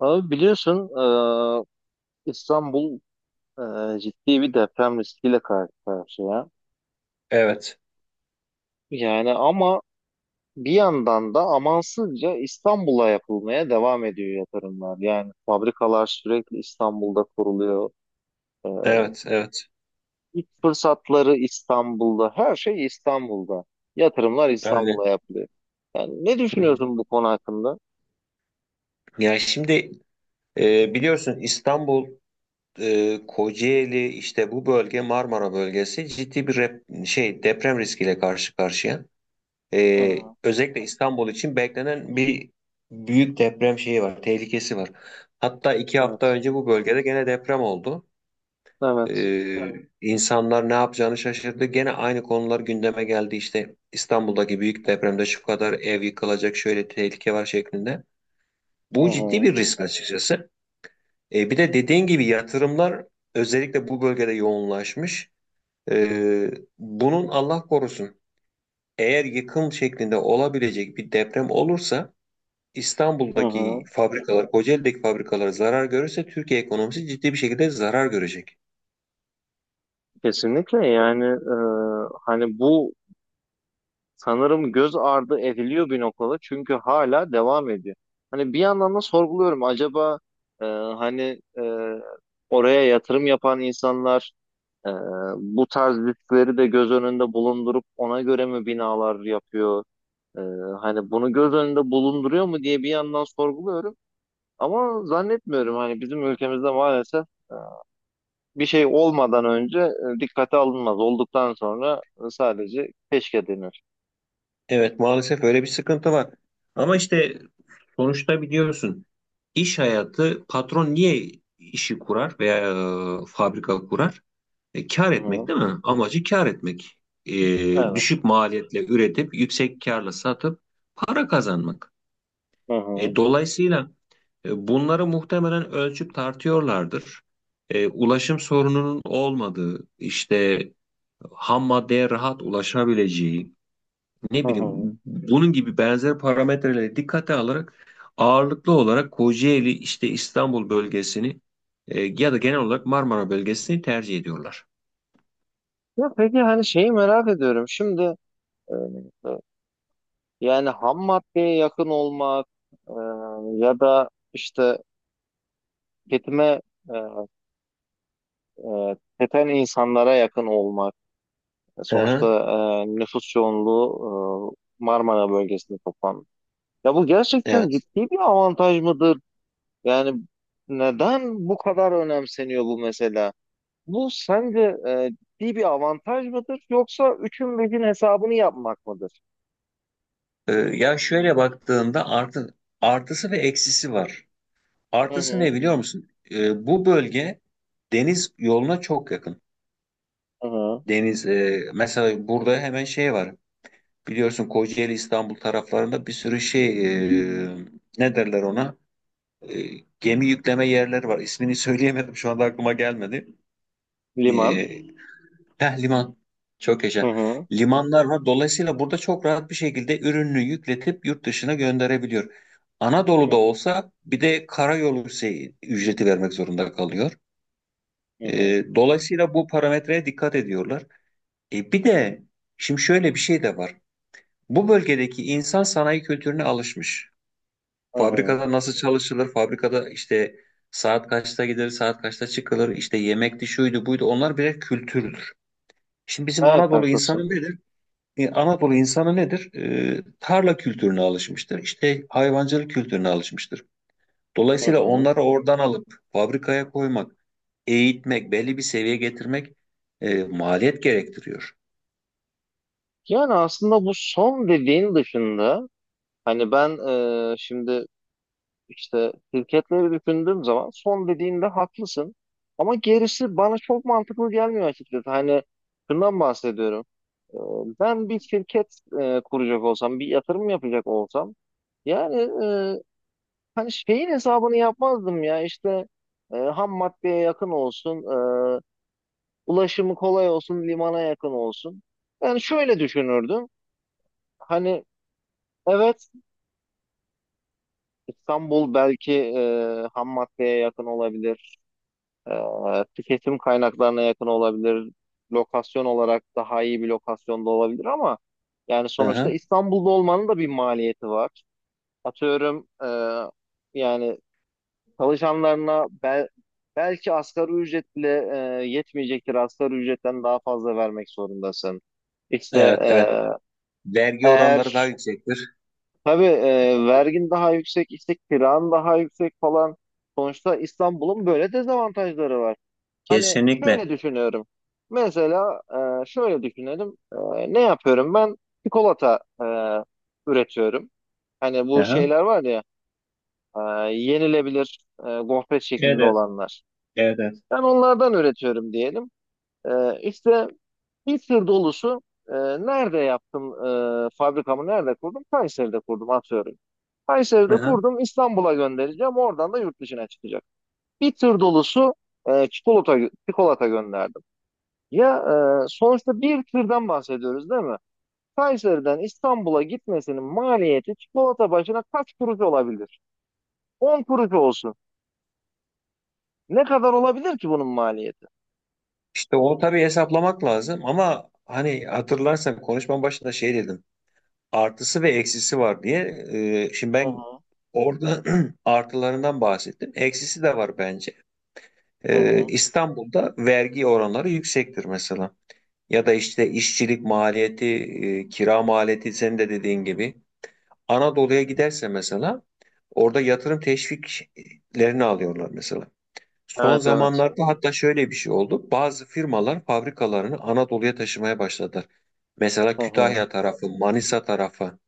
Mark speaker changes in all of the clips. Speaker 1: Abi biliyorsun, İstanbul, ciddi bir deprem riskiyle karşı karşıya.
Speaker 2: Evet,
Speaker 1: Yani, ama bir yandan da amansızca İstanbul'a yapılmaya devam ediyor yatırımlar. Yani fabrikalar sürekli İstanbul'da kuruluyor. E,
Speaker 2: evet, evet.
Speaker 1: İlk fırsatları İstanbul'da, her şey İstanbul'da. Yatırımlar
Speaker 2: Aynen.
Speaker 1: İstanbul'a yapılıyor. Yani ne
Speaker 2: Hı hı.
Speaker 1: düşünüyorsun bu konu hakkında?
Speaker 2: Yani şimdi biliyorsun İstanbul, Kocaeli işte bu bölge Marmara bölgesi ciddi bir deprem riskiyle karşı karşıya.
Speaker 1: Hı
Speaker 2: E,
Speaker 1: hı.
Speaker 2: Özellikle İstanbul için beklenen bir büyük deprem şeyi var, tehlikesi var. Hatta iki
Speaker 1: Evet,
Speaker 2: hafta önce bu bölgede gene deprem oldu.
Speaker 1: evet.
Speaker 2: İnsanlar ne yapacağını şaşırdı. Gene aynı konular gündeme geldi. İşte İstanbul'daki büyük depremde şu kadar ev yıkılacak, şöyle tehlike var şeklinde.
Speaker 1: Hı
Speaker 2: Bu ciddi
Speaker 1: hı.
Speaker 2: bir risk açıkçası. Bir de dediğin gibi yatırımlar özellikle bu bölgede yoğunlaşmış. E, Bunun Allah korusun, eğer yıkım şeklinde olabilecek bir deprem olursa
Speaker 1: Hı
Speaker 2: İstanbul'daki
Speaker 1: hı.
Speaker 2: fabrikalar, Kocaeli'deki fabrikalar zarar görürse Türkiye ekonomisi ciddi bir şekilde zarar görecek.
Speaker 1: Kesinlikle yani, hani bu sanırım göz ardı ediliyor bir noktada, çünkü hala devam ediyor. Hani bir yandan da sorguluyorum, acaba hani oraya yatırım yapan insanlar e, bu tarz riskleri de göz önünde bulundurup ona göre mi binalar yapıyor? E, Hani bunu göz önünde bulunduruyor mu diye bir yandan sorguluyorum. Ama zannetmiyorum, hani bizim ülkemizde maalesef bir şey olmadan önce dikkate alınmaz. Olduktan sonra sadece keşke denir.
Speaker 2: Evet, maalesef öyle bir sıkıntı var. Ama işte sonuçta biliyorsun, iş hayatı, patron niye işi kurar veya fabrika kurar? Kar
Speaker 1: Hı
Speaker 2: etmek
Speaker 1: hı.
Speaker 2: değil mi? Amacı kar etmek.
Speaker 1: Evet.
Speaker 2: Düşük maliyetle üretip yüksek karla satıp para kazanmak.
Speaker 1: Hı hı.
Speaker 2: Dolayısıyla bunları muhtemelen ölçüp tartıyorlardır. Ulaşım sorununun olmadığı, işte ham maddeye rahat ulaşabileceği, ne
Speaker 1: Hı hı.
Speaker 2: bileyim bunun gibi benzer parametreleri dikkate alarak ağırlıklı olarak Kocaeli, işte İstanbul bölgesini, ya da genel olarak Marmara bölgesini tercih ediyorlar.
Speaker 1: Ya peki, hani şeyi merak ediyorum. Şimdi e, e, yani ham maddeye yakın olmak, e, ya da işte tüketime, e, tüketen insanlara yakın olmak.
Speaker 2: Hı
Speaker 1: Sonuçta
Speaker 2: hı,
Speaker 1: nüfus yoğunluğu Marmara bölgesinde toplanmış. Ya bu gerçekten
Speaker 2: evet.
Speaker 1: ciddi bir avantaj mıdır? Yani neden bu kadar önemseniyor bu mesela? Bu sence ciddi bir avantaj mıdır, yoksa üçün beşin hesabını yapmak mıdır?
Speaker 2: Ya şöyle baktığında artısı ve eksisi var.
Speaker 1: Hı
Speaker 2: Artısı ne
Speaker 1: hı.
Speaker 2: biliyor musun? Bu bölge deniz yoluna çok yakın.
Speaker 1: Hı hı.
Speaker 2: Deniz mesela burada hemen şey var. Biliyorsun Kocaeli İstanbul taraflarında bir sürü şey, e, ne derler ona? E, Gemi yükleme yerleri var. İsmini söyleyemedim, şu anda aklıma gelmedi. E,
Speaker 1: Liman.
Speaker 2: Heh, liman. Çok
Speaker 1: Hı
Speaker 2: yaşa.
Speaker 1: hı.
Speaker 2: Limanlar var. Dolayısıyla burada çok rahat bir şekilde ürününü yükletip yurt dışına gönderebiliyor. Anadolu'da
Speaker 1: Hı
Speaker 2: olsa bir de karayolu şey, ücreti vermek zorunda kalıyor.
Speaker 1: hı.
Speaker 2: Dolayısıyla bu parametreye dikkat ediyorlar. Bir de şimdi şöyle bir şey de var. Bu bölgedeki insan sanayi kültürüne alışmış.
Speaker 1: Hı hı.
Speaker 2: Fabrikada nasıl çalışılır? Fabrikada işte saat kaçta gider, saat kaçta çıkılır? İşte yemekti, şuydu, buydu. Onlar birer kültürdür. Şimdi bizim
Speaker 1: Evet,
Speaker 2: Anadolu insanı
Speaker 1: haklısın.
Speaker 2: nedir? Anadolu insanı nedir? Tarla kültürüne alışmıştır. İşte hayvancılık kültürüne alışmıştır.
Speaker 1: Hı
Speaker 2: Dolayısıyla
Speaker 1: hı.
Speaker 2: onları oradan alıp fabrikaya koymak, eğitmek, belli bir seviyeye getirmek maliyet gerektiriyor.
Speaker 1: Yani aslında bu son dediğin dışında, hani ben, şimdi, işte şirketleri düşündüğüm zaman, son dediğinde haklısın. Ama gerisi bana çok mantıklı gelmiyor açıkçası. Hani şundan bahsediyorum. E, Ben bir şirket kuracak olsam, bir yatırım yapacak olsam, yani e, hani şeyin hesabını yapmazdım ya, işte ham maddeye yakın olsun, ulaşımı kolay olsun, limana yakın olsun. Yani şöyle düşünürdüm. Hani, evet, İstanbul belki ham maddeye yakın olabilir, tüketim kaynaklarına yakın olabilir, lokasyon olarak daha iyi bir lokasyonda olabilir, ama yani
Speaker 2: Hı
Speaker 1: sonuçta
Speaker 2: hı.
Speaker 1: İstanbul'da olmanın da bir maliyeti var. Atıyorum, yani çalışanlarına belki asgari ücret bile yetmeyecektir. Asgari ücretten daha fazla vermek zorundasın. İşte,
Speaker 2: Evet, evet. Vergi oranları daha
Speaker 1: eğer,
Speaker 2: yüksektir.
Speaker 1: tabii, vergin daha yüksek, işte kiran daha yüksek falan. Sonuçta İstanbul'un böyle dezavantajları var. Hani
Speaker 2: Kesinlikle.
Speaker 1: şöyle düşünüyorum. Mesela, şöyle düşünelim. Ne yapıyorum ben? Çikolata üretiyorum. Hani
Speaker 2: Hı
Speaker 1: bu
Speaker 2: hı.
Speaker 1: şeyler var ya, e, yenilebilir, gofret
Speaker 2: Evet,
Speaker 1: şeklinde
Speaker 2: evet,
Speaker 1: olanlar.
Speaker 2: evet. Evet.
Speaker 1: Ben onlardan üretiyorum diyelim. İşte bir tır dolusu, e, nerede yaptım, fabrikamı nerede kurdum? Kayseri'de kurdum, atıyorum.
Speaker 2: Hı
Speaker 1: Kayseri'de
Speaker 2: hı.
Speaker 1: kurdum, İstanbul'a göndereceğim, oradan da yurt dışına çıkacak. Bir tır dolusu e, çikolata, çikolata gönderdim. Ya, sonuçta bir tırdan bahsediyoruz, değil mi? Kayseri'den İstanbul'a gitmesinin maliyeti çikolata başına kaç kuruş olabilir? 10 kuruş olsun. Ne kadar olabilir ki bunun maliyeti?
Speaker 2: İşte onu tabii hesaplamak lazım ama hani hatırlarsan konuşmanın başında şey dedim. Artısı ve eksisi var diye. Şimdi
Speaker 1: Hı
Speaker 2: ben
Speaker 1: hı,
Speaker 2: orada artılarından bahsettim. Eksisi de var bence.
Speaker 1: hı hı.
Speaker 2: İstanbul'da vergi oranları yüksektir mesela. Ya da işte işçilik maliyeti, kira maliyeti senin de dediğin gibi. Anadolu'ya giderse mesela orada yatırım teşviklerini alıyorlar mesela. Son
Speaker 1: Evet, evet.
Speaker 2: zamanlarda hatta şöyle bir şey oldu. Bazı firmalar fabrikalarını Anadolu'ya taşımaya başladılar. Mesela
Speaker 1: Hı hı.
Speaker 2: Kütahya tarafı, Manisa tarafı.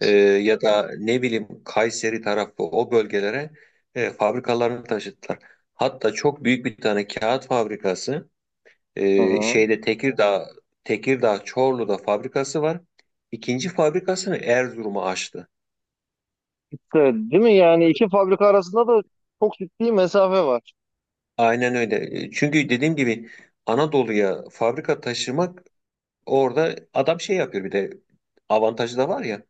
Speaker 2: Ya da ne bileyim Kayseri tarafı, o bölgelere fabrikalarını taşıttılar. Hatta çok büyük bir tane kağıt fabrikası,
Speaker 1: Hı hı.
Speaker 2: şeyde Tekirdağ, Tekirdağ Çorlu'da fabrikası var. İkinci fabrikasını Erzurum'a açtı.
Speaker 1: Evet, değil mi? Yani iki fabrika arasında da çok ciddi mesafe var.
Speaker 2: Aynen öyle. Çünkü dediğim gibi, Anadolu'ya fabrika taşımak, orada adam şey yapıyor, bir de avantajı da var ya,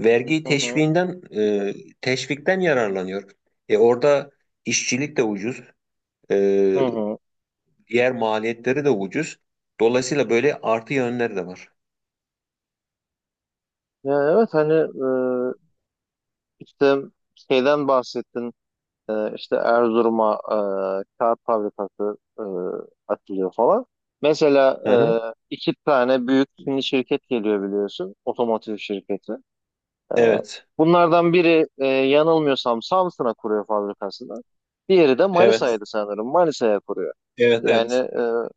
Speaker 2: vergi
Speaker 1: Hı hı.
Speaker 2: teşviğinden, e, teşvikten yararlanıyor. Orada işçilik de ucuz.
Speaker 1: Hı
Speaker 2: Ee,
Speaker 1: hı.
Speaker 2: Diğer maliyetleri de ucuz. Dolayısıyla böyle artı yönleri de var.
Speaker 1: Ya, evet, hani işte şeyden bahsettin. İşte Erzurum'a kağıt fabrikası açılıyor falan. Mesela,
Speaker 2: Hı hı.
Speaker 1: iki tane büyük Çinli şirket geliyor, biliyorsun. Otomotiv şirketi.
Speaker 2: Evet,
Speaker 1: Bunlardan biri, yanılmıyorsam, Samsun'a kuruyor fabrikasını. Diğeri de
Speaker 2: evet,
Speaker 1: Manisa'ydı sanırım. Manisa'ya kuruyor.
Speaker 2: evet,
Speaker 1: Yani,
Speaker 2: evet.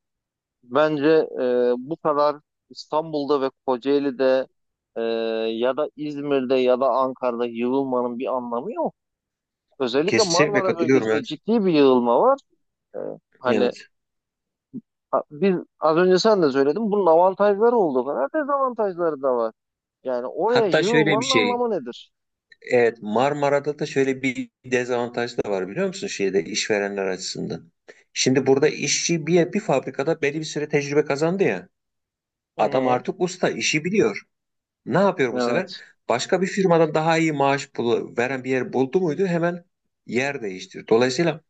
Speaker 1: bence bu kadar İstanbul'da ve Kocaeli'de, e, ya da İzmir'de ya da Ankara'da yığılmanın bir anlamı yok. Özellikle
Speaker 2: Kesinlikle
Speaker 1: Marmara
Speaker 2: katılıyorum,
Speaker 1: bölgesinde
Speaker 2: evet.
Speaker 1: ciddi bir yığılma var. E, Hani
Speaker 2: Evet.
Speaker 1: biz, az önce sen de söyledin, bunun avantajları olduğu kadar dezavantajları da var. Yani oraya
Speaker 2: Hatta şöyle bir
Speaker 1: yığılmanın
Speaker 2: şey,
Speaker 1: anlamı nedir?
Speaker 2: evet Marmara'da da şöyle bir dezavantaj da var biliyor musun, şeyde işverenler açısından. Şimdi burada işçi bir fabrikada belli bir süre tecrübe kazandı ya.
Speaker 1: Hı
Speaker 2: Adam
Speaker 1: hı.
Speaker 2: artık usta, işi biliyor. Ne yapıyor bu sefer?
Speaker 1: Evet.
Speaker 2: Başka bir firmadan daha iyi maaş pulu veren bir yer buldu muydu hemen yer değiştir. Dolayısıyla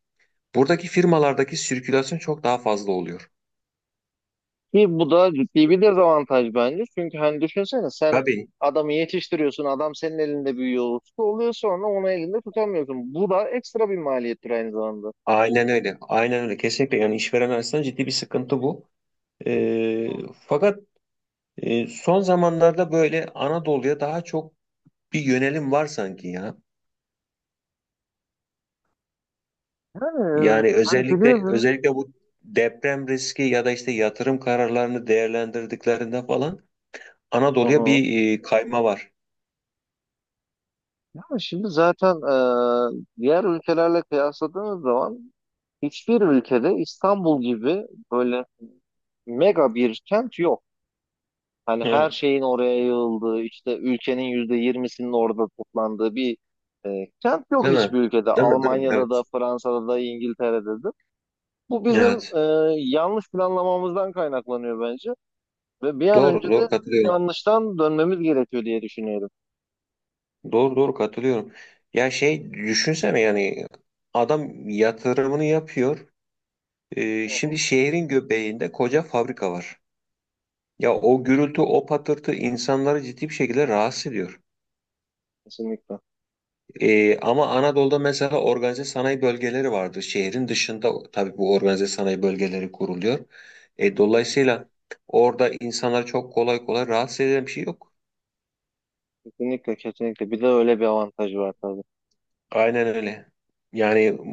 Speaker 2: buradaki firmalardaki sirkülasyon çok daha fazla oluyor.
Speaker 1: Ki bu da ciddi bir dezavantaj bence. Çünkü hani düşünsene, sen
Speaker 2: Tabii.
Speaker 1: adamı yetiştiriyorsun, adam senin elinde büyüyor, usta oluyor, sonra onu elinde tutamıyorsun. Bu da ekstra bir maliyettir aynı zamanda.
Speaker 2: Aynen öyle. Aynen öyle. Kesinlikle yani işveren açısından ciddi bir sıkıntı bu. Ee, Fakat son zamanlarda böyle Anadolu'ya daha çok bir yönelim var sanki ya.
Speaker 1: Yani
Speaker 2: Yani
Speaker 1: hani
Speaker 2: özellikle
Speaker 1: biliyorsun.
Speaker 2: özellikle bu deprem riski ya da işte yatırım kararlarını değerlendirdiklerinde falan
Speaker 1: Hı
Speaker 2: Anadolu'ya
Speaker 1: hı.
Speaker 2: bir kayma var.
Speaker 1: Yani şimdi zaten diğer ülkelerle kıyasladığınız zaman, hiçbir ülkede İstanbul gibi böyle mega bir kent yok. Hani her
Speaker 2: Evet.
Speaker 1: şeyin oraya yığıldığı, işte ülkenin %20'sinin orada toplandığı bir kent yok
Speaker 2: Değil mi?
Speaker 1: hiçbir ülkede.
Speaker 2: Değil mi? Değil mi?
Speaker 1: Almanya'da da,
Speaker 2: Evet.
Speaker 1: Fransa'da da, İngiltere'de de. Bu bizim
Speaker 2: Evet.
Speaker 1: yanlış planlamamızdan kaynaklanıyor bence. Ve bir an
Speaker 2: Doğru,
Speaker 1: önce de bu
Speaker 2: doğru katılıyorum.
Speaker 1: yanlıştan dönmemiz gerekiyor diye düşünüyorum.
Speaker 2: Doğru, doğru katılıyorum. Ya şey düşünsene yani, adam yatırımını yapıyor.
Speaker 1: Hı hı.
Speaker 2: Şimdi şehrin göbeğinde koca fabrika var. Ya o gürültü, o patırtı insanları ciddi bir şekilde rahatsız ediyor.
Speaker 1: Kesinlikle.
Speaker 2: Ama Anadolu'da mesela organize sanayi bölgeleri vardır. Şehrin dışında tabii bu organize sanayi bölgeleri kuruluyor. Dolayısıyla orada insanlar çok kolay kolay rahatsız eden bir şey yok.
Speaker 1: Kesinlikle, kesinlikle. Bir de öyle bir avantajı var tabii.
Speaker 2: Aynen öyle. Yani